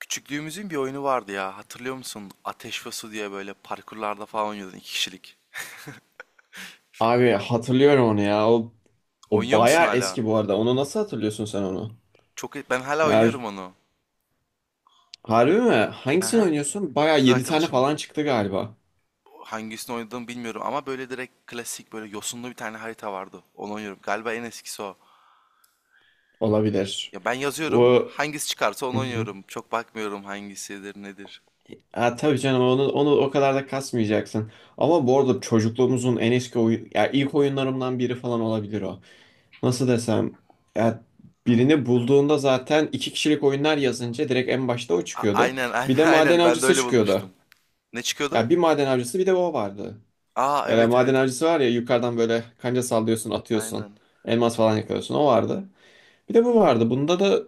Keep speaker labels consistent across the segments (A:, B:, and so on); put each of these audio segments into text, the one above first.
A: Küçüklüğümüzün bir oyunu vardı ya. Hatırlıyor musun? Ateş ve Su diye böyle parkurlarda falan oynuyordun iki kişilik.
B: Abi hatırlıyorum onu ya. O
A: Oynuyor musun
B: bayağı
A: hala?
B: eski bu arada. Onu nasıl hatırlıyorsun sen onu?
A: Çok ben hala
B: Ya,
A: oynuyorum onu.
B: harbi mi? Hangisini
A: Aha,
B: oynuyorsun? Bayağı
A: kız
B: 7 tane
A: arkadaşım.
B: falan çıktı galiba.
A: Hangisini oynadığımı bilmiyorum ama böyle direkt klasik böyle yosunlu bir tane harita vardı. Onu oynuyorum. Galiba en eskisi o.
B: Olabilir.
A: Ya ben yazıyorum.
B: O...
A: Hangisi çıkarsa onu
B: Hı hı.
A: oynuyorum. Çok bakmıyorum hangisidir nedir.
B: Ha, tabii canım onu, onu o kadar da kasmayacaksın. Ama bu arada çocukluğumuzun en eski oyun... Ya ilk oyunlarımdan biri falan olabilir o. Nasıl desem? Ya, birini bulduğunda zaten iki kişilik oyunlar yazınca direkt en başta o çıkıyordu.
A: Aynen aynen
B: Bir de maden
A: aynen. Ben de
B: avcısı
A: öyle
B: çıkıyordu.
A: bulmuştum. Ne çıkıyordu?
B: Ya, bir maden avcısı bir de o vardı.
A: Aa,
B: E,
A: evet
B: maden
A: evet.
B: avcısı var ya, yukarıdan böyle kanca sallıyorsun, atıyorsun.
A: Aynen.
B: Elmas falan yakalıyorsun. O vardı. Bir de bu vardı. Bunda da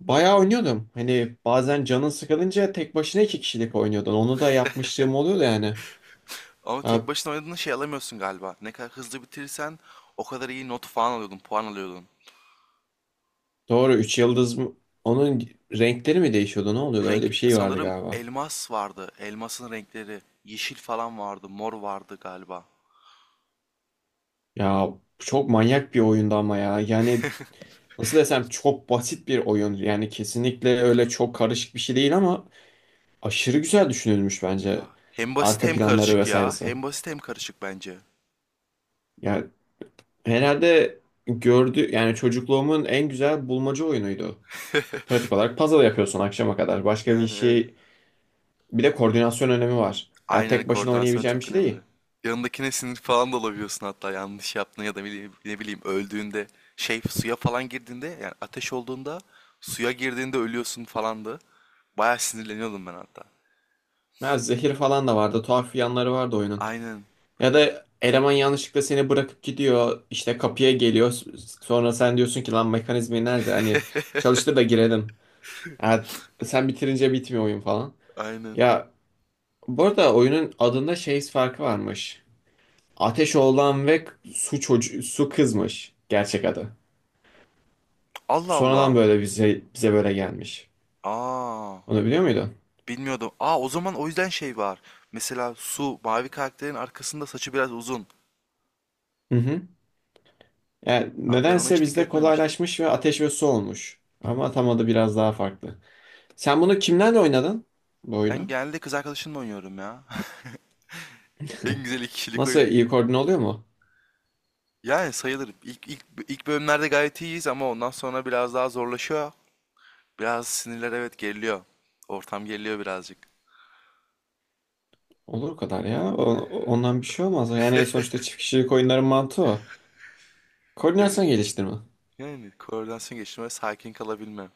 B: bayağı oynuyordum. Hani bazen canın sıkılınca tek başına iki kişilik oynuyordun. Onu da yapmışlığım oluyordu yani.
A: Ama
B: Ha,
A: tek başına oynadığında şey alamıyorsun galiba. Ne kadar hızlı bitirirsen o kadar iyi not falan alıyordun, puan alıyordun.
B: doğru, 3 yıldız mı? Onun renkleri mi değişiyordu? Ne oluyordu? Öyle
A: Renk
B: bir şey vardı
A: sanırım
B: galiba.
A: elmas vardı. Elmasın renkleri yeşil falan vardı, mor vardı galiba.
B: Ya, çok manyak bir oyundu ama ya. Yani nasıl desem, çok basit bir oyun. Yani kesinlikle öyle çok karışık bir şey değil, ama aşırı güzel düşünülmüş bence.
A: Ya hem basit
B: Arka
A: hem
B: planları
A: karışık ya.
B: vesairesi.
A: Hem basit hem karışık bence.
B: Yani herhalde gördü yani, çocukluğumun en güzel bulmaca oyunuydu. Pratik olarak puzzle yapıyorsun akşama kadar. Başka bir
A: Yani evet.
B: şey, bir de koordinasyon önemi var. Yani
A: Aynen,
B: tek başına
A: koordinasyon
B: oynayabileceğin bir
A: çok
B: şey
A: önemli.
B: değil.
A: Yanındakine sinir falan da olabiliyorsun hatta yanlış yaptığında ya da ne bileyim öldüğünde şey suya falan girdiğinde yani ateş olduğunda suya girdiğinde ölüyorsun falandı. Bayağı sinirleniyordum ben hatta.
B: Ya, zehir falan da vardı. Tuhaf yanları vardı oyunun.
A: Aynen.
B: Ya da eleman yanlışlıkla seni bırakıp gidiyor, işte kapıya geliyor. Sonra sen diyorsun ki lan, mekanizmi nerede? Hani çalıştır da girelim. Ya, sen bitirince bitmiyor oyun falan.
A: Aynen.
B: Ya, bu arada oyunun adında şey farkı varmış. Ateşoğlan ve su çocuğu, su kızmış gerçek adı.
A: Allah Allah.
B: Sonradan böyle bize böyle gelmiş.
A: Aa,
B: Onu biliyor muydun?
A: bilmiyordum. Aa, o zaman o yüzden şey var. Mesela Su, mavi karakterin arkasında saçı biraz uzun.
B: Hı hı. Yani
A: Aa, ben ona
B: nedense
A: hiç dikkat
B: bizde
A: etmemiştim.
B: kolaylaşmış ve ateş ve su olmuş. Ama tam adı biraz daha farklı. Sen bunu kimlerle oynadın? Bu
A: Ben
B: oyunu.
A: genelde kız arkadaşımla oynuyorum ya. En güzel iki kişilik
B: Nasıl,
A: oyun.
B: iyi koordine oluyor mu?
A: Yani sayılır. İlk bölümlerde gayet iyiyiz ama ondan sonra biraz daha zorlaşıyor. Biraz sinirler, evet, geriliyor. Ortam geriliyor birazcık.
B: Olur o kadar ya. Ondan bir şey olmaz. Yani sonuçta çift kişilik oyunların mantığı o.
A: Evet.
B: Koordinasyon geliştirme.
A: Yani koordinasyon geliştirme, sakin kalabilme.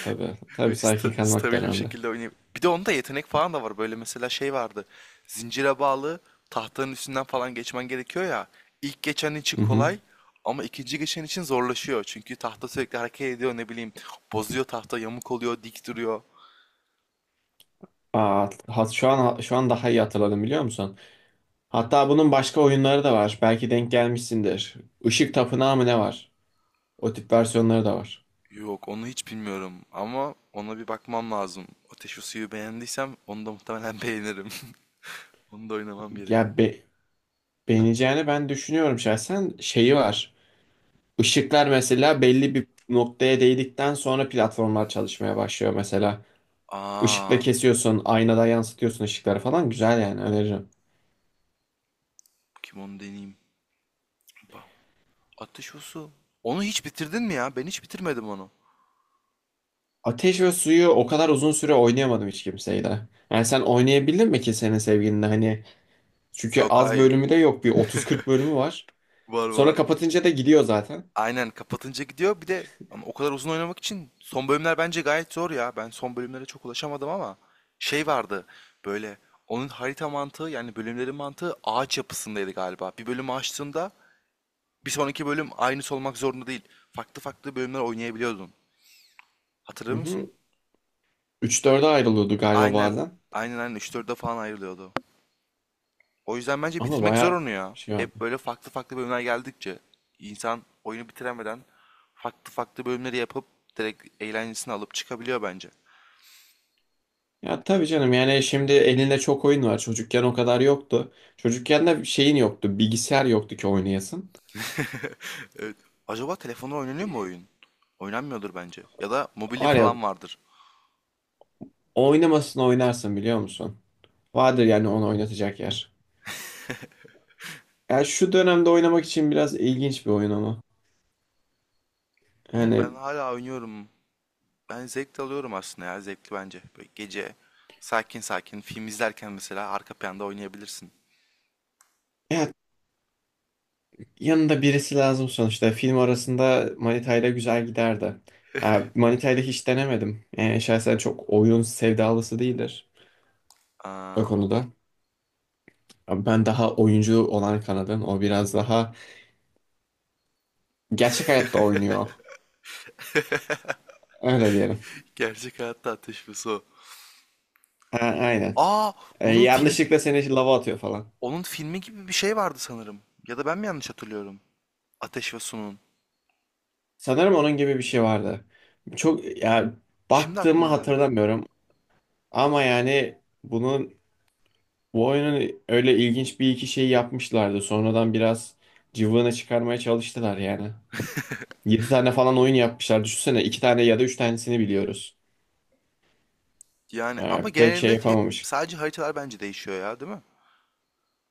B: Tabii.
A: Ve
B: Tabii sakin kalmak da
A: stabil bir
B: önemli.
A: şekilde oynayıp. Bir de onda yetenek falan da var. Böyle mesela şey vardı. Zincire bağlı tahtanın üstünden falan geçmen gerekiyor ya. İlk geçen için
B: Hı hı.
A: kolay ama ikinci geçen için zorlaşıyor. Çünkü tahta sürekli hareket ediyor ne bileyim. Bozuyor tahta, yamuk oluyor, dik duruyor.
B: Aa, şu an daha iyi hatırladım, biliyor musun? Hatta bunun başka oyunları da var. Belki denk gelmişsindir. Işık Tapınağı mı ne var? O tip versiyonları da var.
A: Yok, onu hiç bilmiyorum ama ona bir bakmam lazım. Ateş ve suyu beğendiysem onu da muhtemelen beğenirim. Onu da oynamam gerek.
B: Ya, beğeneceğini ben düşünüyorum şahsen. Şeyi var. Işıklar mesela belli bir noktaya değdikten sonra platformlar çalışmaya başlıyor mesela. Işıkla
A: Aa,
B: kesiyorsun, aynada yansıtıyorsun ışıkları falan. Güzel yani, öneririm.
A: kim onu deneyeyim. Bak, Ateş ve su. Onu hiç bitirdin mi ya? Ben hiç bitirmedim onu.
B: Ateş ve Suyu o kadar uzun süre oynayamadım hiç kimseyle. Yani sen oynayabildin mi ki senin sevgilinle hani? Çünkü
A: Yok,
B: az
A: hayır.
B: bölümü de yok. Bir 30-40 bölümü var.
A: Var
B: Sonra
A: var.
B: kapatınca da gidiyor zaten.
A: Aynen, kapatınca gidiyor. Bir de ama o kadar uzun oynamak için son bölümler bence gayet zor ya. Ben son bölümlere çok ulaşamadım ama şey vardı böyle, onun harita mantığı yani bölümlerin mantığı ağaç yapısındaydı galiba. Bir bölümü açtığında bir sonraki bölüm aynısı olmak zorunda değil. Farklı farklı bölümler oynayabiliyordun.
B: Hı
A: Hatırlıyor musun?
B: hı. 3-4'e ayrılıyordu galiba
A: Aynen.
B: bazen.
A: Aynen 3-4'e falan ayrılıyordu. O yüzden bence
B: Ama
A: bitirmek zor
B: bayağı
A: onu ya.
B: şey vardı.
A: Hep böyle farklı farklı bölümler geldikçe insan oyunu bitiremeden farklı farklı bölümleri yapıp direkt eğlencesini alıp çıkabiliyor bence.
B: Ya tabii canım, yani şimdi elinde çok oyun var. Çocukken o kadar yoktu. Çocukken de şeyin yoktu. Bilgisayar yoktu ki oynayasın.
A: Evet. Acaba telefonda oynanıyor mu
B: E,
A: oyun? Oynanmıyordur bence. Ya da mobili
B: var ya,
A: falan vardır.
B: oynamasın oynarsın biliyor musun? Vardır yani onu oynatacak yer. Ya, şu dönemde oynamak için biraz ilginç bir oyun ama.
A: Bilmiyorum, ben
B: Yani
A: hala oynuyorum. Ben zevk de alıyorum aslında ya, zevkli bence. Böyle gece sakin sakin film izlerken mesela arka planda oynayabilirsin.
B: ya, yanında birisi lazım sonuçta. Film arasında Manita'yla güzel giderdi. Ya Manita'yla hiç denemedim. Yani şahsen çok oyun sevdalısı değildir o
A: Aa,
B: konuda. Abi ben daha oyuncu olan kanadın. O biraz daha gerçek hayatta oynuyor. Öyle diyelim.
A: gerçek hayatta ateş ve su.
B: Aynen.
A: Aa,
B: E,
A: onun film,
B: yanlışlıkla seni lava atıyor falan.
A: onun filmi gibi bir şey vardı sanırım. Ya da ben mi yanlış hatırlıyorum? Ateş ve Su'nun.
B: Sanırım onun gibi bir şey vardı. Çok ya,
A: Şimdi
B: baktığımı
A: aklıma geldi.
B: hatırlamıyorum. Ama yani bunun, bu oyunun öyle ilginç bir iki şey yapmışlardı. Sonradan biraz cıvığını çıkarmaya çalıştılar yani. 7 tane falan oyun yapmışlar. Düşünsene 2 tane ya da 3 tanesini biliyoruz.
A: Yani ama
B: Yani pek şey
A: genelinde hep
B: yapamamış.
A: sadece haritalar bence değişiyor ya, değil mi?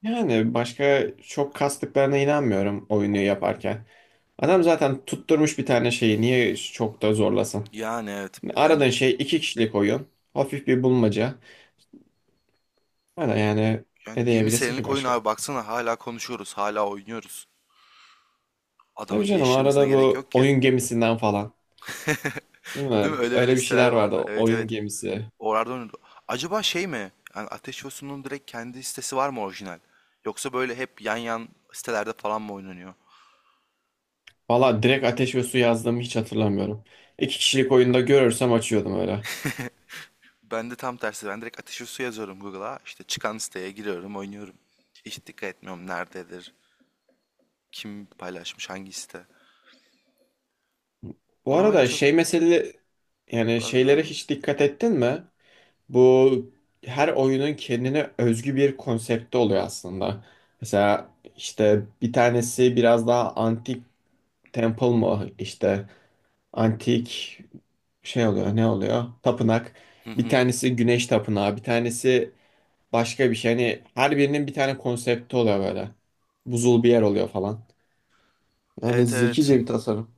B: Yani başka çok kastıklarına inanmıyorum oyunu
A: O-
B: yaparken. Adam zaten tutturmuş bir tane şeyi, niye çok da zorlasın?
A: Yani evet bence,
B: Aradığın şey iki kişilik oyun. Hafif bir bulmaca. Hala yani
A: yani
B: ne
A: 20
B: diyebilirsin ki
A: senelik oyun
B: başka?
A: abi, baksana hala konuşuyoruz, hala oynuyoruz.
B: Tabii
A: Adamın
B: canım,
A: geliştirmesine
B: arada
A: gerek
B: bu
A: yok ki.
B: oyun gemisinden falan. Değil mi?
A: Değil mi? Öyle öyle
B: Öyle bir
A: siteler
B: şeyler vardı,
A: vardı. Evet
B: oyun
A: evet.
B: gemisi.
A: Oralarda oynuyordu. Acaba şey mi? Yani Ateş ve Su'nun direkt kendi sitesi var mı orijinal? Yoksa böyle hep yan sitelerde falan mı oynanıyor?
B: Valla direkt ateş ve su yazdığımı hiç hatırlamıyorum. İki kişilik oyunda görürsem açıyordum öyle.
A: Ben de tam tersi. Ben direkt ateşi su yazıyorum Google'a. İşte çıkan siteye giriyorum, oynuyorum. Hiç dikkat etmiyorum nerededir, kim paylaşmış, hangi site.
B: Bu
A: Ona bence
B: arada
A: çok...
B: şey, mesele yani,
A: Pardon,
B: şeylere
A: devam et.
B: hiç dikkat ettin mi? Bu, her oyunun kendine özgü bir konsepti oluyor aslında. Mesela işte bir tanesi biraz daha antik, temple mı işte, antik şey oluyor ne oluyor, tapınak.
A: Hı
B: Bir
A: hı.
B: tanesi güneş tapınağı, bir tanesi başka bir şey. Hani her birinin bir tane konsepti oluyor böyle. Buzul bir yer oluyor falan. Yani
A: Evet evet.
B: zekice bir tasarım.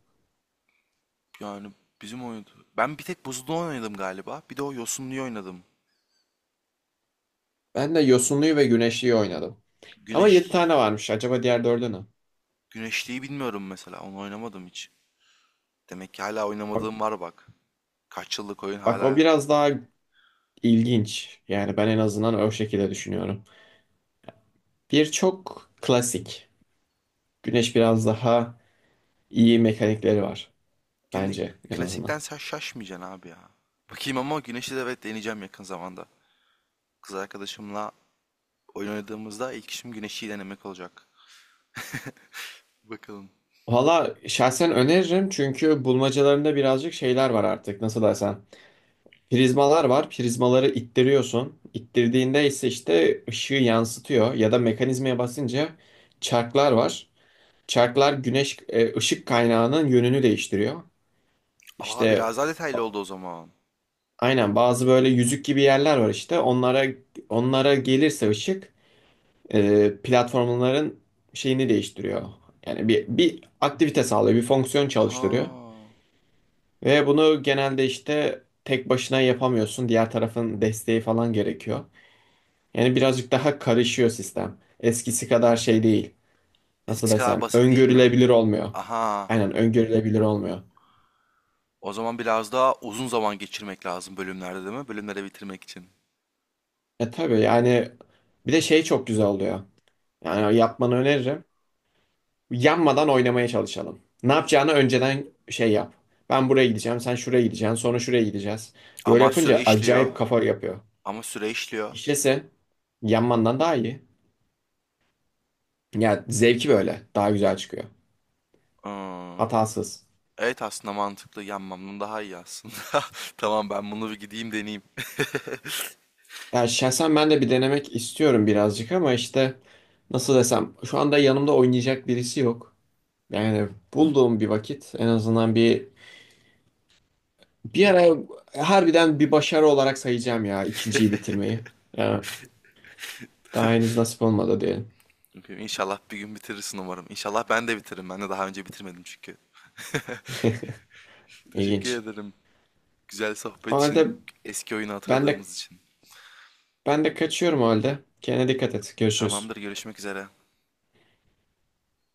A: Yani bizim oyundu. Ben bir tek buzlu oynadım galiba. Bir de o yosunluyu oynadım.
B: Ben de yosunluyu ve güneşliyi oynadım. Ama 7
A: Güneş...
B: tane varmış. Acaba diğer dördü ne?
A: Güneşliği bilmiyorum mesela. Onu oynamadım hiç. Demek ki hala
B: Bak,
A: oynamadığım var bak. Kaç yıllık oyun
B: bak o
A: hala.
B: biraz daha İlginç. Yani ben en azından o şekilde düşünüyorum. Bir, çok klasik. Güneş biraz daha iyi mekanikleri var.
A: Gün,
B: Bence en azından.
A: klasikten sen şaşmayacaksın abi ya. Bakayım, ama güneşli de evet, deneyeceğim yakın zamanda. Kız arkadaşımla oyun oynadığımızda ilk işim güneşi denemek olacak. Bakalım.
B: Valla şahsen öneririm, çünkü bulmacalarında birazcık şeyler var artık. Nasıl desem. Prizmalar var. Prizmaları ittiriyorsun. İttirdiğinde ise işte ışığı yansıtıyor. Ya da mekanizmaya basınca çarklar var. Çarklar güneş, ışık kaynağının yönünü değiştiriyor.
A: Aa,
B: İşte
A: biraz daha detaylı oldu o zaman.
B: aynen, bazı böyle yüzük gibi yerler var işte. Onlara gelirse ışık, platformların şeyini değiştiriyor. Yani bir aktivite sağlıyor, bir fonksiyon çalıştırıyor.
A: Aha.
B: Ve bunu genelde işte tek başına yapamıyorsun. Diğer tarafın desteği falan gerekiyor. Yani birazcık daha karışıyor sistem. Eskisi kadar şey değil. Nasıl
A: Eskisi kadar
B: desem,
A: basit değil mi?
B: öngörülebilir olmuyor.
A: Aha.
B: Aynen, öngörülebilir olmuyor.
A: O zaman biraz daha uzun zaman geçirmek lazım bölümlerde değil mi? Bölümleri bitirmek için.
B: E tabii yani, bir de şey çok güzel oluyor. Yani yapmanı öneririm. Yanmadan oynamaya çalışalım. Ne yapacağını önceden şey yap. Ben buraya gideceğim, sen şuraya gideceksin, sonra şuraya gideceğiz. Böyle
A: Ama süre
B: yapınca
A: işliyor.
B: acayip kafa yapıyor.
A: Ama süre işliyor.
B: İşlese yanmandan daha iyi. Yani zevki böyle daha güzel çıkıyor.
A: Hmm.
B: Hatasız.
A: Evet, aslında mantıklı. Yanmam bunun daha iyi aslında. Tamam, ben bunu bir gideyim deneyeyim.
B: Ya şahsen ben de bir denemek istiyorum birazcık, ama işte nasıl desem, şu anda yanımda oynayacak birisi yok. Yani bulduğum bir vakit, en azından bir bir ara harbiden bir başarı olarak sayacağım ya, ikinciyi bitirmeyi. Ya, daha henüz nasip olmadı diyelim.
A: İnşallah bir gün bitirirsin umarım. İnşallah ben de bitiririm. Ben de daha önce bitirmedim çünkü. Teşekkür
B: İlginç.
A: ederim. Güzel
B: O
A: sohbet
B: halde
A: için, eski oyunu
B: ben de
A: hatırladığımız için.
B: ben de kaçıyorum o halde. Kendine dikkat et. Görüşürüz.
A: Tamamdır, görüşmek üzere.